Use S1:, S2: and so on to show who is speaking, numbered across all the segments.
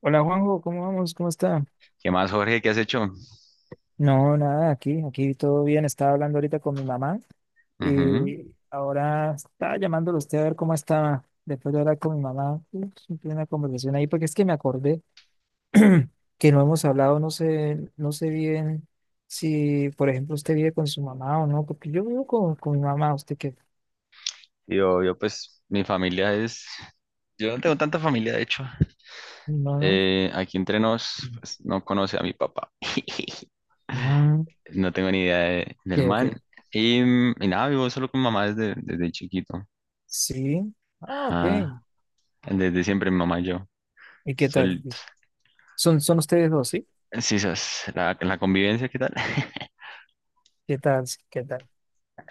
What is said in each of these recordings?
S1: Hola Juanjo, ¿cómo vamos? ¿Cómo está?
S2: ¿Qué más, Jorge? ¿Qué has hecho?
S1: No, nada, aquí todo bien. Estaba hablando ahorita con mi mamá
S2: Ujú.
S1: y ahora estaba llamándolo a usted a ver cómo estaba. Después de hablar con mi mamá, uf, tuve una conversación ahí porque es que me acordé que no hemos hablado, no sé, no sé bien si, por ejemplo, usted vive con su mamá o no, porque yo vivo con mi mamá, usted qué,
S2: Yo, pues, mi familia es... Yo no tengo tanta familia, de hecho.
S1: no, no.
S2: Aquí entre nos, pues, no conoce a mi papá.
S1: Ah,
S2: No tengo ni idea
S1: ok,
S2: del man.
S1: ok.
S2: Y nada, vivo solo con mamá desde chiquito.
S1: Sí. Ah, ok.
S2: Ajá. Desde siempre mi mamá y yo.
S1: ¿Y qué tal?
S2: Solitos.
S1: ¿Son, son ustedes dos, sí?
S2: Sí, sas, la convivencia, ¿qué tal?
S1: ¿Qué tal? ¿Qué tal?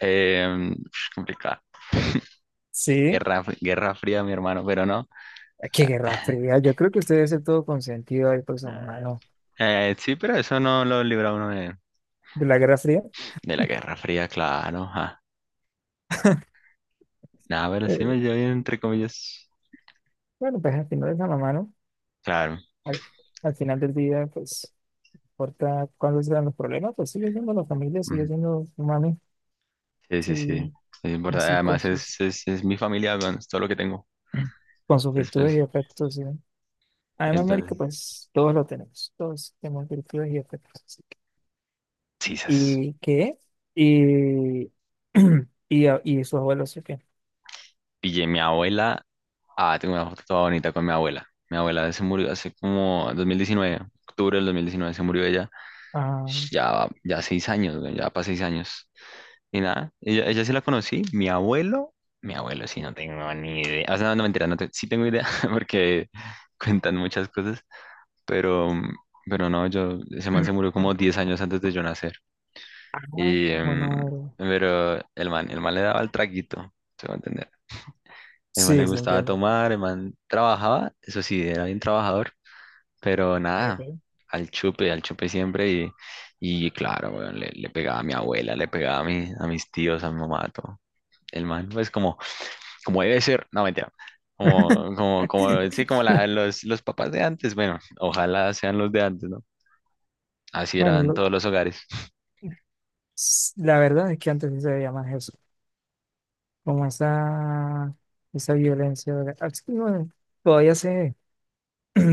S2: Eh, Complicada.
S1: Sí,
S2: Guerra fría, mi hermano, pero no.
S1: ah, qué
S2: Ah,
S1: guerra fría. Yo creo que usted debe ser todo consentido ahí por su mamá,
S2: ah.
S1: ¿no?
S2: Sí, pero eso no lo libra uno de,
S1: De la guerra fría.
S2: De la Guerra Fría, claro. Ajá. Nah, pero sí me
S1: Eh,
S2: llevo bien, entre comillas.
S1: bueno, pues al final es la mamá, ¿no?
S2: Claro.
S1: Al, al final del día, pues, importa cuáles sean los problemas, pues sigue siendo la familia, sigue
S2: Ujú.
S1: siendo su mami,
S2: Sí, sí,
S1: sí,
S2: sí. Es importante.
S1: así con
S2: Además,
S1: sus,
S2: es mi familia, weón, es todo lo que tengo.
S1: con sus virtudes
S2: Después,
S1: y defectos, ¿sí? Además, marica,
S2: entonces,
S1: pues todos lo tenemos, todos tenemos virtudes y defectos. Así que...
S2: sí, sas.
S1: ¿Y qué? Y, y, a- y sus abuelos, ¿sí qué?
S2: Pillé mi abuela. Ah, tengo una foto toda bonita con mi abuela. Mi abuela se murió hace como 2019, octubre del 2019 se murió ella.
S1: Ah,
S2: Ya, ya 6 años, weón, ya para 6 años. Y nada, ella sí la conocí, mi abuelo sí no tengo ni idea, o sea, no, no, mentira, no te- sí tengo idea porque cuentan muchas cosas, pero, pero no, yo, ese man se murió como 10 años antes de yo nacer,
S1: ah,
S2: y,
S1: bueno.
S2: pero el man le daba el traguito, se va a entender, el man le
S1: Sí, sí,
S2: gustaba
S1: entiendo.
S2: tomar, el man trabajaba, eso sí, era bien trabajador, pero nada,
S1: Ok,
S2: al chupe siempre, y claro, weón, le pegaba a mi abuela, le pegaba a, mi- a mis tíos, a mi mamá, a todo el man, pues como, como debe ser, no mentira,
S1: ok.
S2: como, sí, como la- los, los papás de antes, bueno, ojalá sean los de antes, ¿no? Así
S1: Bueno,
S2: eran
S1: lo-
S2: todos los hogares.
S1: s- la verdad es que antes sí se veía más eso, como esa violencia. ¿Verdad? Ah, sí, bueno, todavía se ve,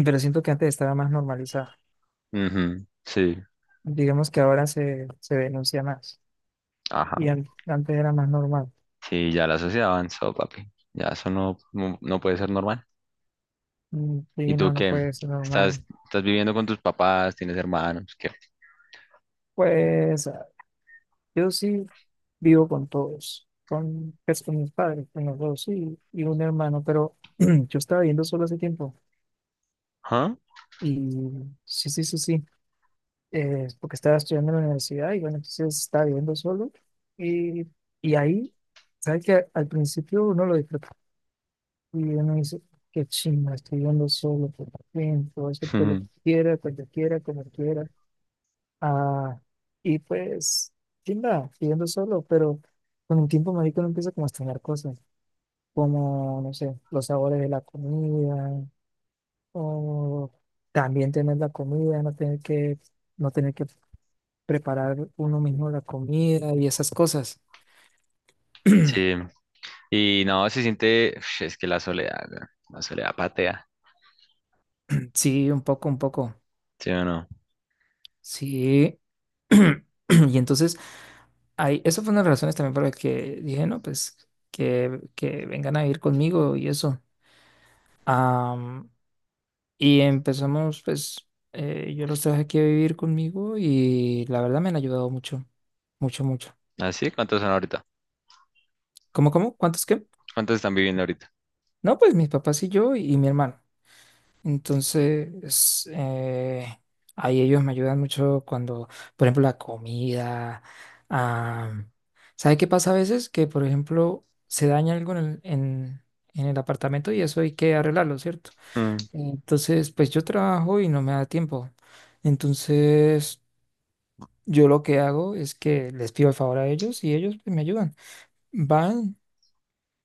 S1: pero siento que antes estaba más normalizada.
S2: Ujú, sí,
S1: Digamos que ahora se denuncia más
S2: ajá,
S1: y an- antes era más normal.
S2: sí, ya la sociedad avanzó, papi, ya eso no, no, no puede ser normal.
S1: Mm,
S2: ¿Y
S1: sí,
S2: tú
S1: no, no
S2: qué?
S1: puede ser normal.
S2: ¿Estás viviendo con tus papás? ¿Tienes hermanos? ¿Qué?
S1: Pues yo sí vivo con todos, con, pues, con mis padres, con los dos y un hermano, pero yo estaba viviendo solo hace tiempo.
S2: ¿Ah?
S1: Y sí, sí, sí, sí, porque estaba estudiando en la universidad y bueno, entonces estaba viviendo solo. Y, y ahí, ¿sabes que al principio uno lo disfruta y uno dice, qué chimba, estoy viviendo solo por fin, puedo hacer todo lo
S2: Ujú.
S1: que quiera, cuando quiera, como quiera? Ah, y pues, chimba, viviendo solo, pero con el tiempo, marico, uno empieza como a extrañar cosas, como, no sé, los sabores de la comida, o también tener la comida, no tener que no tener que preparar uno mismo la comida y esas cosas.
S2: Sí, y no, se siente, uf, es que la soledad, weón, la soledad patea,
S1: Sí, un poco, un poco.
S2: ¿sí o no?
S1: Sí. Y entonces, ahí, eso fue una de las razones también por las que dije, no, pues que vengan a vivir conmigo y eso. Am, y empezamos, pues, yo los traje aquí a vivir conmigo y la verdad me han ayudado mucho, mucho, mucho.
S2: ¿Así? ¿Cuántos son ahorita?
S1: ¿Cómo, cómo? ¿Cuántos qué?
S2: ¿Cuántos están viviendo ahorita?
S1: No, pues mis papás y yo y mi hermano. Entonces, ahí ellos me ayudan mucho cuando, por ejemplo, la comida. ah, ¿Sabe qué pasa a veces? Que, por ejemplo, se daña algo en el apartamento y eso hay que arreglarlo, ¿cierto? Entonces, pues yo trabajo y no me da tiempo. Entonces, yo lo que hago es que les pido el favor a ellos y ellos pues, me ayudan. Van.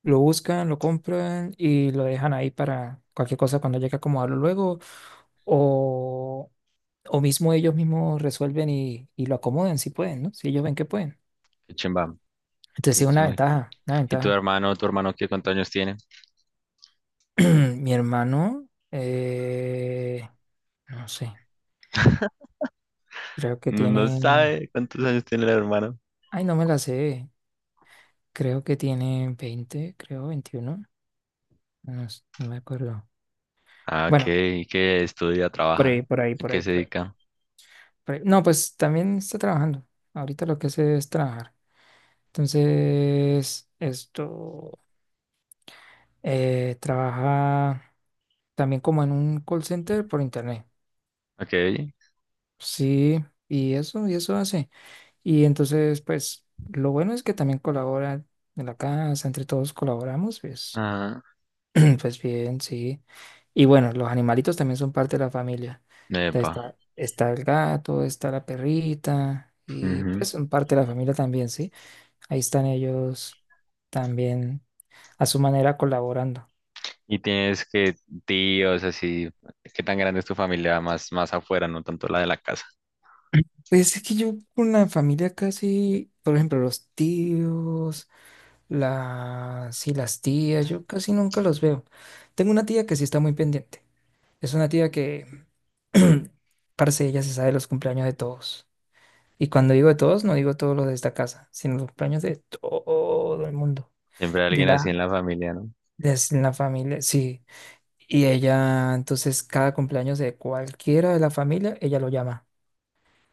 S1: Lo buscan, lo compran y lo dejan ahí para cualquier cosa cuando llegue a acomodarlo luego. O, o mismo ellos mismos resuelven y lo acomodan si pueden, ¿no? Si ellos ven que pueden.
S2: Qué chimba.
S1: Entonces
S2: Qué
S1: sí, una
S2: chimba.
S1: ventaja, una
S2: ¿Y
S1: ventaja.
S2: tu hermano qué cuántos años tiene?
S1: Mi hermano, no sé, creo que
S2: No, no
S1: tiene,
S2: sabe cuántos años tiene el hermano.
S1: ay, no me la sé, creo que tiene 20, creo 21, no, s- no me acuerdo.
S2: Ah, ok.
S1: Bueno,
S2: ¿Y qué estudia,
S1: por
S2: trabaja?
S1: ahí, por ahí,
S2: ¿A
S1: por
S2: qué
S1: ahí,
S2: se
S1: por ahí,
S2: dedica?
S1: por ahí. No, pues también está trabajando. Ahorita lo que hace es trabajar. Entonces, esto trabaja también como en un call center por internet.
S2: Ok.
S1: Sí, y eso hace. Y entonces, pues, lo bueno es que también colabora en la casa, entre todos colaboramos, pues,
S2: Ah,
S1: pues bien, sí. Y bueno, los animalitos también son parte de la familia. Entonces,
S2: epa.
S1: está, está el gato, está la perrita, y
S2: Ujú.
S1: pues son parte de la familia también, sí. Ahí están ellos también a su manera colaborando.
S2: ¿Y tienes que tíos así? ¿Qué tan grande es tu familia? Más, más afuera, no tanto la de la casa.
S1: Pues es que yo con la familia casi, por ejemplo, los tíos, las, sí, las tías, yo casi nunca los veo. Tengo una tía que sí está muy pendiente. Es una tía que, parce, ella se sabe los cumpleaños de todos. Y cuando digo de todos, no digo todos los de esta casa, sino los cumpleaños de todo el mundo.
S2: Siempre hay
S1: De
S2: alguien así
S1: la,
S2: en la familia, ¿no?
S1: de la familia, sí. Y ella, entonces, cada cumpleaños de cualquiera de la familia, ella lo llama.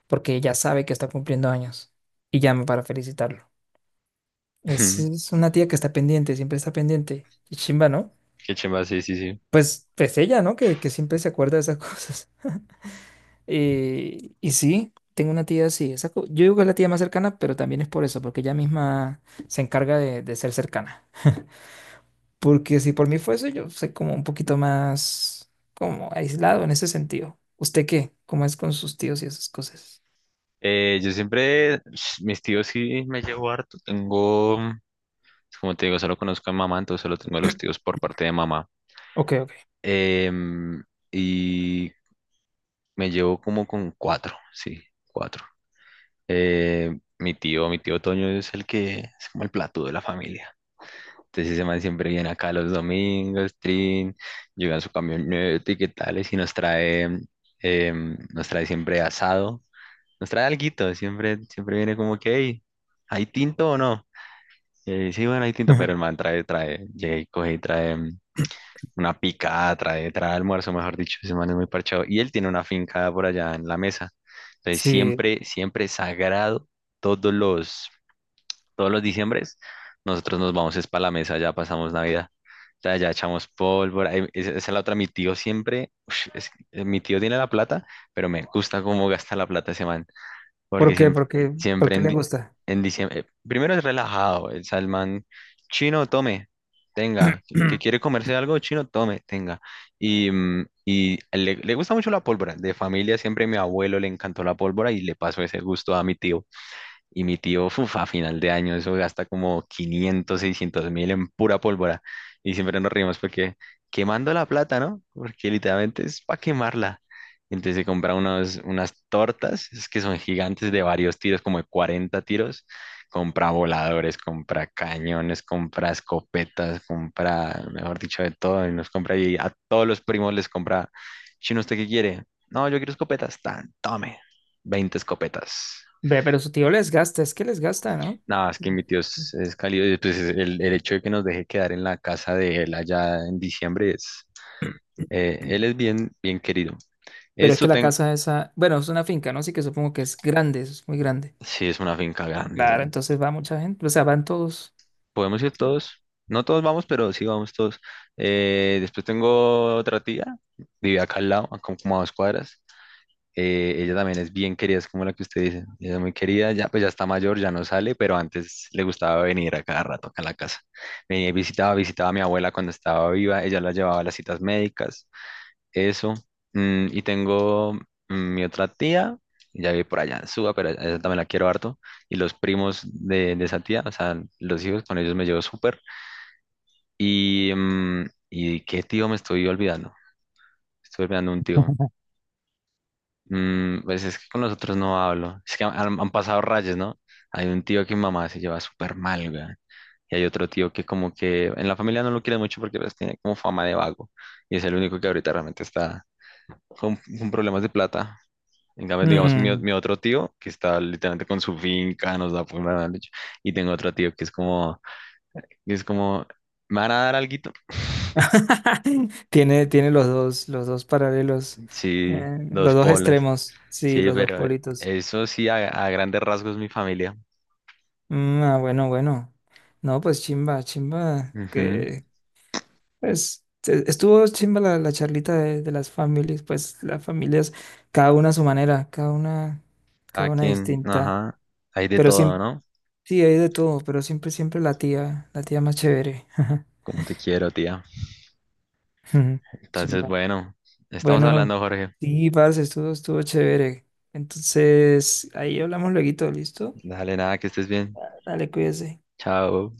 S1: Porque ya sabe que está cumpliendo años y llama para felicitarlo. Es una tía que está pendiente, siempre está pendiente. Y chimba, ¿no?
S2: Qué chimba, sí, sí, sí.
S1: Pues, pues ella, ¿no? Que siempre se acuerda de esas cosas. Y sí, tengo una tía así. Esa co- yo digo que es la tía más cercana, pero también es por eso, porque ella misma se encarga de ser cercana. Porque si por mí fuese, yo soy como un poquito más como aislado en ese sentido. ¿Usted qué? ¿Cómo es con sus tíos y esas cosas?
S2: Yo siempre, mis tíos sí me llevo harto. Tengo. Como te digo, solo conozco a mi mamá, entonces solo tengo a los tíos por parte de mamá.
S1: Ok, ok.
S2: Em, y me llevo como con cuatro, sí, cuatro. Mi tío Toño es el que es como el plato de la familia. Entonces ese man siempre viene acá los domingos, trin, llega en su camioneta y qué tales, y si nos trae, nos trae siempre asado, nos trae alguito, siempre, siempre viene como que, "Hey, ¿hay tinto o no? Sí, bueno, hay tinto, pero
S1: Ujú.
S2: el man llega y coge y trae. Una picada, trae almuerzo, mejor dicho, ese man es muy parchado. Y él tiene una finca por allá en la mesa. Entonces,
S1: Sí.
S2: siempre sagrado, todos los, todos los diciembres, nosotros nos vamos es para la mesa, ya pasamos Navidad. Ya echamos pólvora. Esa es la otra, mi tío siempre, ush, es que, mi tío tiene la plata, pero me gusta cómo gasta la plata ese man. Porque
S1: ¿Por qué?
S2: siempre,
S1: ¿Por qué? ¿Por
S2: siempre
S1: qué
S2: en,
S1: le
S2: di-
S1: gusta?
S2: en diciembre, primero es relajado, el salmán chino, tome, tenga, que quiere comerse algo chino, tome, tenga. Y le gusta mucho la pólvora, de familia siempre mi abuelo le encantó la pólvora y le pasó ese gusto a mi tío. Y mi tío, uf, a final de año, eso gasta como 500 600 mil en pura pólvora. Y siempre nos reímos porque quemando la plata, ¿no? Porque literalmente es para quemarla. Entonces se compra unos, unas tortas, es que son gigantes de varios tiros, como de 40 tiros. Compra voladores, compra cañones, compra escopetas, compra, mejor dicho, de todo. Y nos compra y a todos los primos les compra, chino, ¿usted qué quiere? No, yo quiero escopetas. Tan, tome, 20 escopetas.
S1: Ve, pero su tío les gasta, es que les gasta, ¿no?
S2: Nada, es que mi tío es cálido. Y, pues, es el hecho de que nos deje quedar en la casa de él allá en diciembre es. Él es bien, bien querido.
S1: Pero es
S2: Esto
S1: que la
S2: ten.
S1: casa esa, bueno, es una finca, ¿no? Así que supongo que es grande, es muy grande.
S2: Sí, es una finca grande,
S1: Claro,
S2: weón.
S1: entonces va mucha gente, o sea, van todos.
S2: Podemos ir
S1: Sí.
S2: todos. No todos vamos, pero sí vamos todos. Después tengo otra tía, vive acá al lado, a como a 2 cuadras. Ella también es bien querida, es como la que usted dice. Ella es muy querida, ya pues ya está mayor, ya no sale, pero antes le gustaba venir a cada rato acá a la casa. Venía y visitaba, visitaba a mi abuela cuando estaba viva, ella la llevaba a las citas médicas, eso. Y tengo mi otra tía, ya vive por allá en Suba, pero a ella también la quiero harto. Y los primos de esa tía, o sea, los hijos, con ellos me llevo súper. Y, mm, ¿Y qué tío me estoy olvidando? Estoy olvidando un tío. Pues es que con nosotros no hablo. Es que han pasado rayas, ¿no? Hay un tío que mi mamá se lleva súper mal, güey. Y hay otro tío que como que en la familia no lo quiere mucho porque pues, tiene como fama de vago. Y es el único que ahorita realmente está con problemas de plata. En cambio, digamos, mi, o-
S1: Mm.
S2: mi otro tío que está literalmente con su finca, nos da por la leche. Y tengo otro tío que es como, que es como, ¿me van a dar alguito?
S1: Tiene, tiene los dos paralelos,
S2: Sí,
S1: los
S2: dos
S1: dos
S2: polos.
S1: extremos, sí,
S2: Sí,
S1: los dos
S2: pero
S1: politos.
S2: eso sí, a grandes rasgos mi familia.
S1: Mm, ah, bueno, bueno. No, pues chimba, chimba,
S2: Ujú.
S1: que, pues e- estuvo chimba la, la charlita de las familias, pues las familias, cada una a su manera,
S2: Cada
S1: cada una
S2: quien,
S1: distinta,
S2: ajá, hay de
S1: pero
S2: todo,
S1: siempre,
S2: ¿no?
S1: sí, hay de todo, pero siempre, siempre la tía más chévere.
S2: Como te quiero, tía.
S1: Ujú.
S2: Entonces,
S1: Chimba.
S2: bueno, estamos
S1: Bueno,
S2: hablando, Jorge.
S1: sí, parce, estuvo, estuvo chévere. Entonces, ahí hablamos lueguito, ¿listo?
S2: Dale, nada, que estés bien.
S1: Dale, cuídese.
S2: Chao.